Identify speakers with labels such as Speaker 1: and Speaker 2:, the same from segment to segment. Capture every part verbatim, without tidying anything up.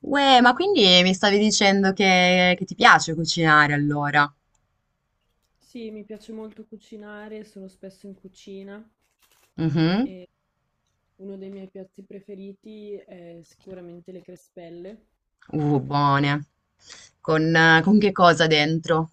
Speaker 1: Uè, ma quindi mi stavi dicendo che, che ti piace cucinare allora?
Speaker 2: Sì, mi piace molto cucinare, sono spesso in cucina
Speaker 1: Mhm.
Speaker 2: e uno dei miei piatti preferiti è sicuramente le crespelle.
Speaker 1: Uh, buone. Con, eh, con che cosa dentro?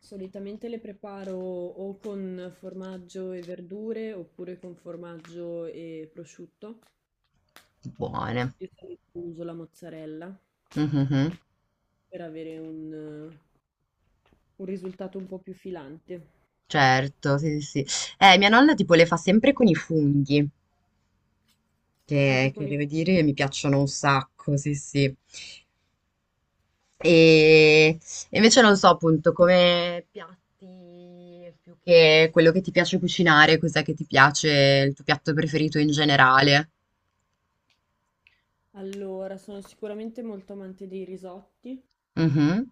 Speaker 2: Solitamente le preparo o con formaggio e verdure oppure con formaggio e prosciutto.
Speaker 1: Buone.
Speaker 2: Io solitamente uso la mozzarella
Speaker 1: Mhm.
Speaker 2: per avere un, eh, un risultato un po' più filante.
Speaker 1: Certo, sì, sì, sì. Eh, mia nonna tipo le fa sempre con i funghi, che,
Speaker 2: Anche
Speaker 1: che
Speaker 2: con i...
Speaker 1: devo dire mi piacciono un sacco, sì, sì. E e invece non so appunto come piatti più che quello che ti piace cucinare, cos'è che ti piace, il tuo piatto preferito in generale.
Speaker 2: Allora, sono sicuramente molto amante dei risotti.
Speaker 1: Mhm.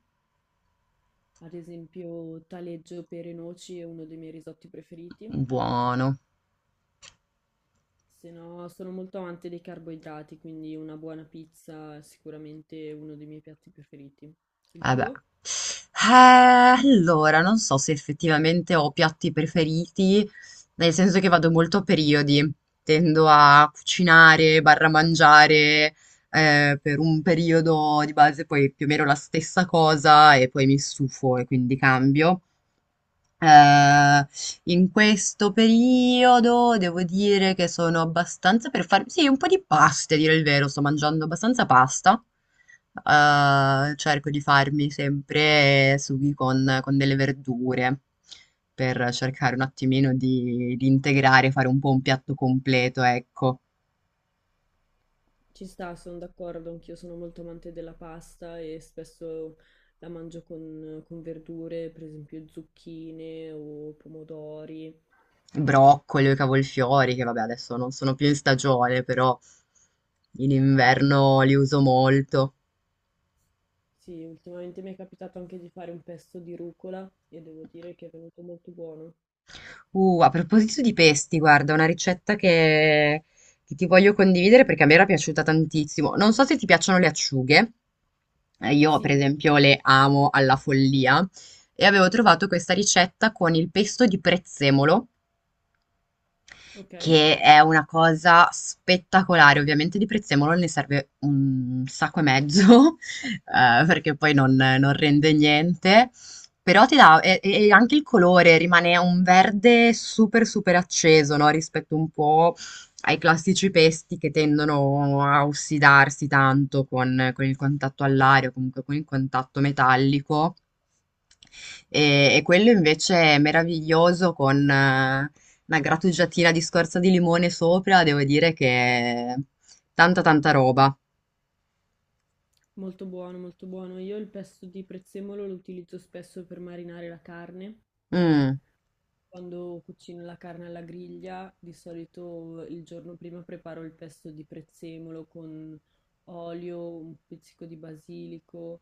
Speaker 2: Ad esempio, taleggio, pere, e noci è uno dei miei risotti preferiti.
Speaker 1: Buono.
Speaker 2: Se no, sono molto amante dei carboidrati, quindi una buona pizza è sicuramente uno dei miei piatti preferiti. Il
Speaker 1: Eh beh.
Speaker 2: tuo?
Speaker 1: Eh, allora, non so se effettivamente ho piatti preferiti, nel senso che vado molto a periodi. Tendo a cucinare, barra mangiare, eh, per un periodo di base, poi più o meno la stessa cosa e poi mi stufo e quindi cambio. Eh, In questo periodo devo dire che sono abbastanza per farmi, sì, un po' di pasta, a dire il vero, sto mangiando abbastanza pasta. Eh, cerco di farmi sempre sughi con, con delle verdure per cercare un attimino di, di integrare, fare un po' un piatto completo, ecco.
Speaker 2: Ci sta, sono d'accordo, anch'io sono molto amante della pasta e spesso la mangio con, con verdure, per esempio zucchine o pomodori.
Speaker 1: Broccoli o i cavolfiori, che vabbè, adesso non sono più in stagione, però in
Speaker 2: Anche,
Speaker 1: inverno li uso molto.
Speaker 2: sì, ultimamente mi è capitato anche di fare un pesto di rucola e devo dire che è venuto molto buono.
Speaker 1: Uh, a proposito di pesti, guarda, una ricetta che, che ti voglio condividere perché a me era piaciuta tantissimo. Non so se ti piacciono le acciughe, eh, io
Speaker 2: Sì,
Speaker 1: per
Speaker 2: mi piace.
Speaker 1: esempio le amo alla follia e avevo trovato questa ricetta con il pesto di prezzemolo
Speaker 2: Ok.
Speaker 1: che è una cosa spettacolare. Ovviamente di prezzemolo ne serve un sacco e mezzo, eh, perché poi non, non rende niente. Però ti dà, e, e anche il colore rimane un verde super super acceso, no? Rispetto un po' ai classici pesti che tendono a ossidarsi tanto con, con il contatto all'aria o comunque con il contatto metallico. E, e quello invece è meraviglioso con eh, una grattugiatina di scorza di limone sopra, devo dire che è tanta tanta roba.
Speaker 2: Molto buono, molto buono. Io il pesto di prezzemolo lo utilizzo spesso per marinare la carne.
Speaker 1: Mm,
Speaker 2: Quando cucino la carne alla griglia, di solito il giorno prima preparo il pesto di prezzemolo con olio, un pizzico di basilico,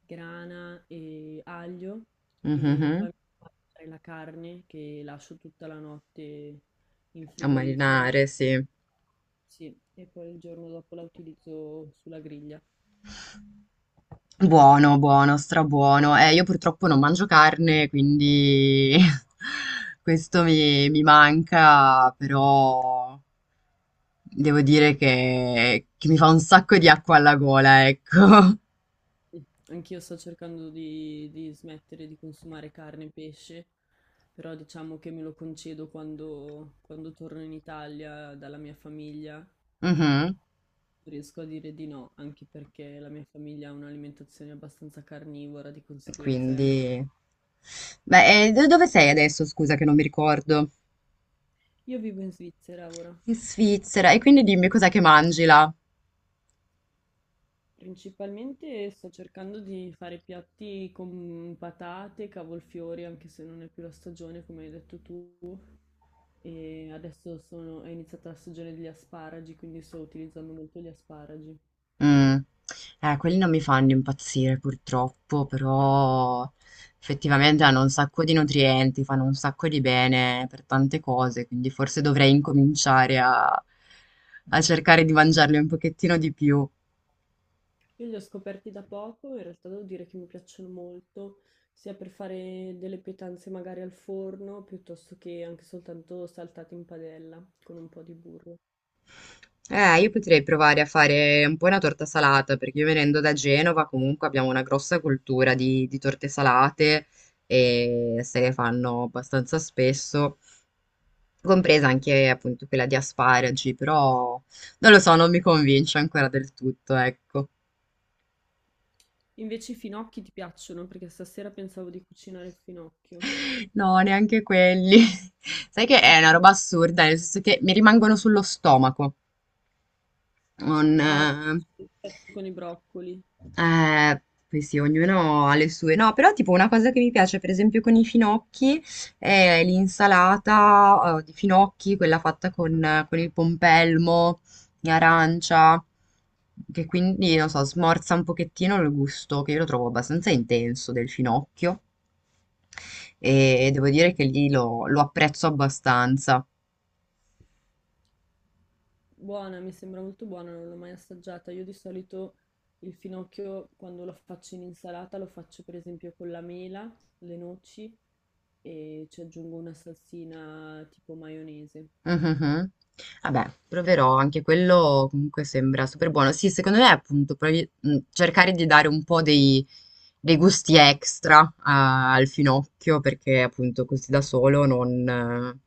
Speaker 2: grana e aglio e poi
Speaker 1: mhm.
Speaker 2: metto a marinare la carne che lascio tutta la notte in
Speaker 1: A
Speaker 2: frigorifero.
Speaker 1: marinare, sì.
Speaker 2: Sì, e poi il giorno dopo la utilizzo sulla griglia.
Speaker 1: Buono, buono, strabuono. Eh, io purtroppo non mangio carne, quindi questo mi, mi manca, però devo dire che, che mi fa un sacco di acqua alla gola, ecco.
Speaker 2: Mm. Anch'io sto cercando di, di smettere di consumare carne e pesce, però diciamo che me lo concedo quando, quando torno in Italia dalla mia famiglia. Non
Speaker 1: Mhm.
Speaker 2: riesco a dire di no, anche perché la mia famiglia ha un'alimentazione abbastanza carnivora, di conseguenza è
Speaker 1: Quindi...
Speaker 2: anche...
Speaker 1: Beh, e do- dove sei adesso? Scusa che non mi ricordo.
Speaker 2: Io vivo in Svizzera ora.
Speaker 1: In Svizzera. E quindi dimmi cos'è che mangi là?
Speaker 2: Principalmente sto cercando di fare piatti con patate, cavolfiori, anche se non è più la stagione, come hai detto tu. E adesso sono- è iniziata la stagione degli asparagi, quindi sto utilizzando molto gli asparagi.
Speaker 1: Mm. Eh, quelli non mi fanno impazzire purtroppo, però effettivamente hanno un sacco di nutrienti, fanno un sacco di bene per tante cose, quindi forse dovrei incominciare a, a cercare di mangiarli un pochettino di più.
Speaker 2: Io li ho scoperti da poco, in realtà devo dire che mi piacciono molto, sia per fare delle pietanze magari al forno, piuttosto che anche soltanto saltati in padella con un po' di burro.
Speaker 1: Eh, io potrei provare a fare un po' una torta salata, perché io venendo da Genova comunque abbiamo una grossa cultura di, di torte salate e se ne fanno abbastanza spesso, compresa anche appunto quella di asparagi, però non lo so, non mi convince ancora del tutto, ecco.
Speaker 2: Invece i finocchi ti piacciono, perché stasera pensavo di cucinare il finocchio.
Speaker 1: No, neanche quelli. Sai che è una roba assurda, nel senso che mi rimangono sullo stomaco. Non,
Speaker 2: Ah, no,
Speaker 1: eh,
Speaker 2: sì, certo, con i broccoli.
Speaker 1: Eh, Poi sì, ognuno ha le sue. No, però tipo una cosa che mi piace, per esempio, con i finocchi è l'insalata, eh, di finocchi, quella fatta con, con il pompelmo, in arancia, che quindi, non so, smorza un pochettino il gusto, che io lo trovo abbastanza intenso del finocchio. E devo dire che lì lo lo apprezzo abbastanza.
Speaker 2: Buona, mi sembra molto buona, non l'ho mai assaggiata. Io di solito il finocchio, quando lo faccio in insalata, lo faccio per esempio con la mela, le noci e ci aggiungo una salsina tipo maionese.
Speaker 1: Mhm. Vabbè, proverò, anche quello comunque sembra super buono. Sì, secondo me appunto provi- mh, cercare di dare un po' dei, dei gusti extra a- al finocchio perché appunto così da solo non... eh,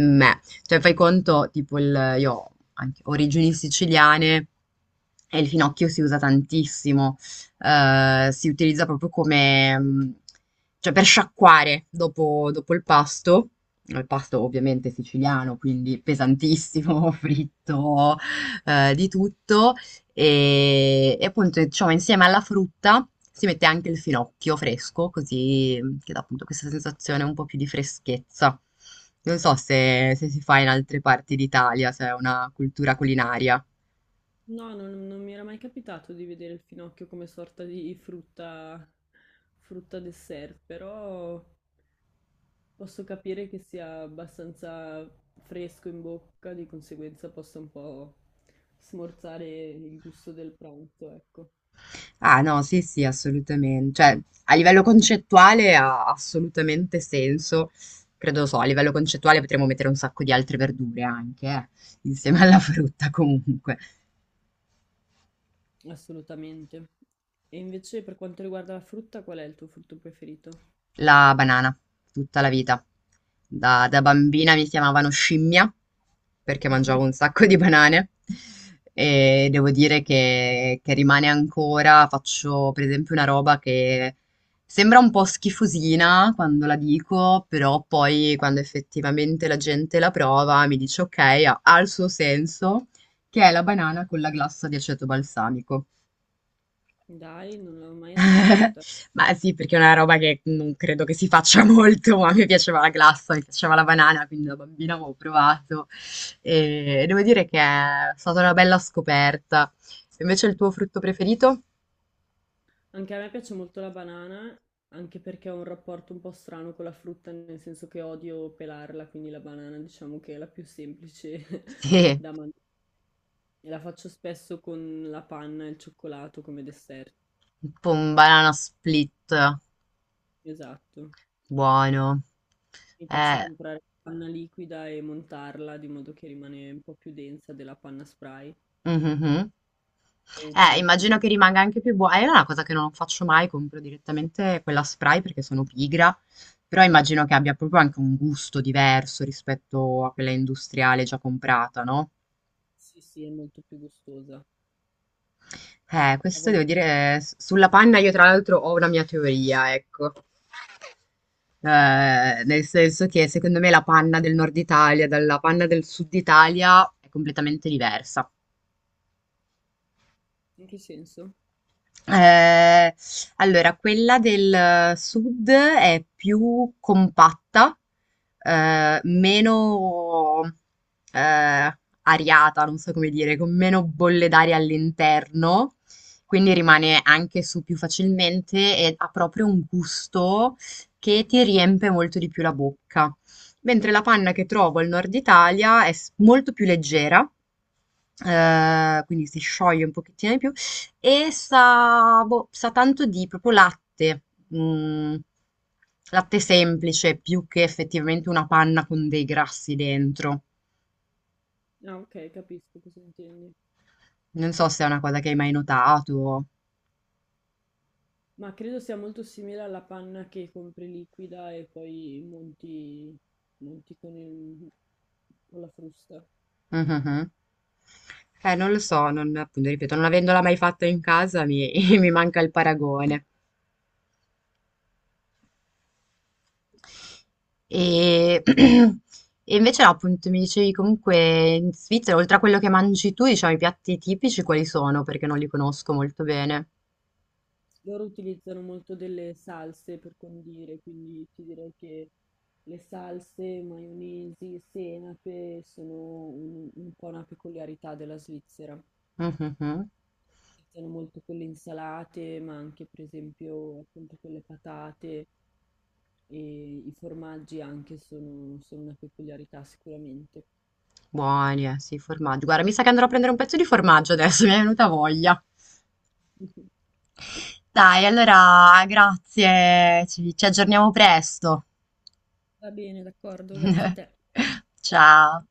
Speaker 1: meh. Cioè fai conto, tipo il, io ho anche origini siciliane e il finocchio si usa tantissimo. Eh, si utilizza proprio come... mh, cioè per sciacquare dopo dopo il pasto. Il pasto ovviamente siciliano, quindi pesantissimo, fritto, eh, di tutto. E, e appunto, diciamo, insieme alla frutta si mette anche il finocchio fresco, così mm, che dà appunto questa sensazione un po' più di freschezza. Non so se, se si fa in altre parti d'Italia, se è una cultura culinaria.
Speaker 2: No, non, non mi era mai capitato di vedere il finocchio come sorta di frutta, frutta dessert, però posso capire che sia abbastanza fresco in bocca, di conseguenza possa un po' smorzare il gusto del pranzo, ecco,
Speaker 1: Ah no, sì, sì, assolutamente. Cioè, a livello concettuale ha assolutamente senso. Credo lo so, a livello concettuale potremmo mettere un sacco di altre verdure anche, eh, insieme alla frutta comunque.
Speaker 2: assolutamente. E invece per quanto riguarda la frutta, qual è il tuo frutto preferito?
Speaker 1: La banana, tutta la vita. Da, da bambina mi chiamavano scimmia perché mangiavo un sacco di banane e devo dire che, che rimane ancora, faccio per esempio una roba che sembra un po' schifosina quando la dico, però poi quando effettivamente la gente la prova mi dice ok, ha, ha il suo senso, che è la banana con la glassa di aceto balsamico.
Speaker 2: Dai, non l'ho mai assaggiata.
Speaker 1: Ma sì, perché è una roba che non credo che si faccia molto, ma a me piaceva la glassa, mi piaceva la banana, quindi da bambina avevo provato. E devo dire che è stata una bella scoperta. Invece il tuo frutto preferito?
Speaker 2: Anche a me piace molto la banana, anche perché ho un rapporto un po' strano con la frutta, nel senso che odio pelarla, quindi la banana diciamo che è la più semplice
Speaker 1: Sì,
Speaker 2: da mangiare. E la faccio spesso con la panna e il cioccolato come dessert.
Speaker 1: tipo un banana split,
Speaker 2: Esatto.
Speaker 1: buono.
Speaker 2: Mi piace
Speaker 1: Eh,
Speaker 2: comprare panna liquida e montarla di modo che rimane un po' più densa della panna spray
Speaker 1: mhm.
Speaker 2: e
Speaker 1: Eh,
Speaker 2: utilizzo
Speaker 1: immagino che rimanga anche più buo è una cosa che non faccio mai, compro direttamente quella spray perché sono pigra, però immagino che abbia proprio anche un gusto diverso rispetto a quella industriale già comprata, no?
Speaker 2: sì, sì, è molto più gustosa.
Speaker 1: Eh,
Speaker 2: A
Speaker 1: questo
Speaker 2: volte
Speaker 1: devo dire, s- sulla panna io tra l'altro ho una mia teoria, ecco. Eh, nel senso che secondo me la panna del nord Italia dalla panna del sud Italia è completamente diversa.
Speaker 2: in che senso?
Speaker 1: Ehm, allora quella del sud è più compatta, ehm, meno, ehm, ariata, non so come dire, con meno bolle d'aria all'interno, quindi rimane anche su più facilmente e ha proprio un gusto che ti riempie molto di più la bocca. Mentre la panna che trovo al nord Italia è s- molto più leggera. Ehm, quindi si scioglie un pochettino di più e sa, boh, sa tanto di proprio latte, mm, latte semplice più che effettivamente una panna con dei grassi dentro.
Speaker 2: Ah, ok, capisco cosa intendi.
Speaker 1: Non so se è una cosa che hai mai notato.
Speaker 2: Ma credo sia molto simile alla panna che compri liquida e poi monti, monti con il- con la frusta.
Speaker 1: Mhm. Eh, non lo so, non, appunto, ripeto, non avendola mai fatta in casa mi, mi manca il paragone. E, e invece no, appunto mi dicevi comunque in Svizzera, oltre a quello che mangi tu, diciamo i piatti tipici quali sono? Perché non li conosco molto bene.
Speaker 2: Loro utilizzano molto delle salse per condire, quindi ti direi che le salse, maionesi, senape sono un, un po' una peculiarità della Svizzera.
Speaker 1: Mhm.
Speaker 2: Utilizzano molto quelle insalate, ma anche per esempio appunto quelle patate e i formaggi anche sono sono una peculiarità sicuramente.
Speaker 1: Buoni, eh, sì, formaggio. Guarda, mi sa che andrò a prendere un pezzo di formaggio adesso, mi è venuta voglia. Dai, allora, grazie, ci ci aggiorniamo presto.
Speaker 2: Va bene, d'accordo, grazie a te.
Speaker 1: Ciao.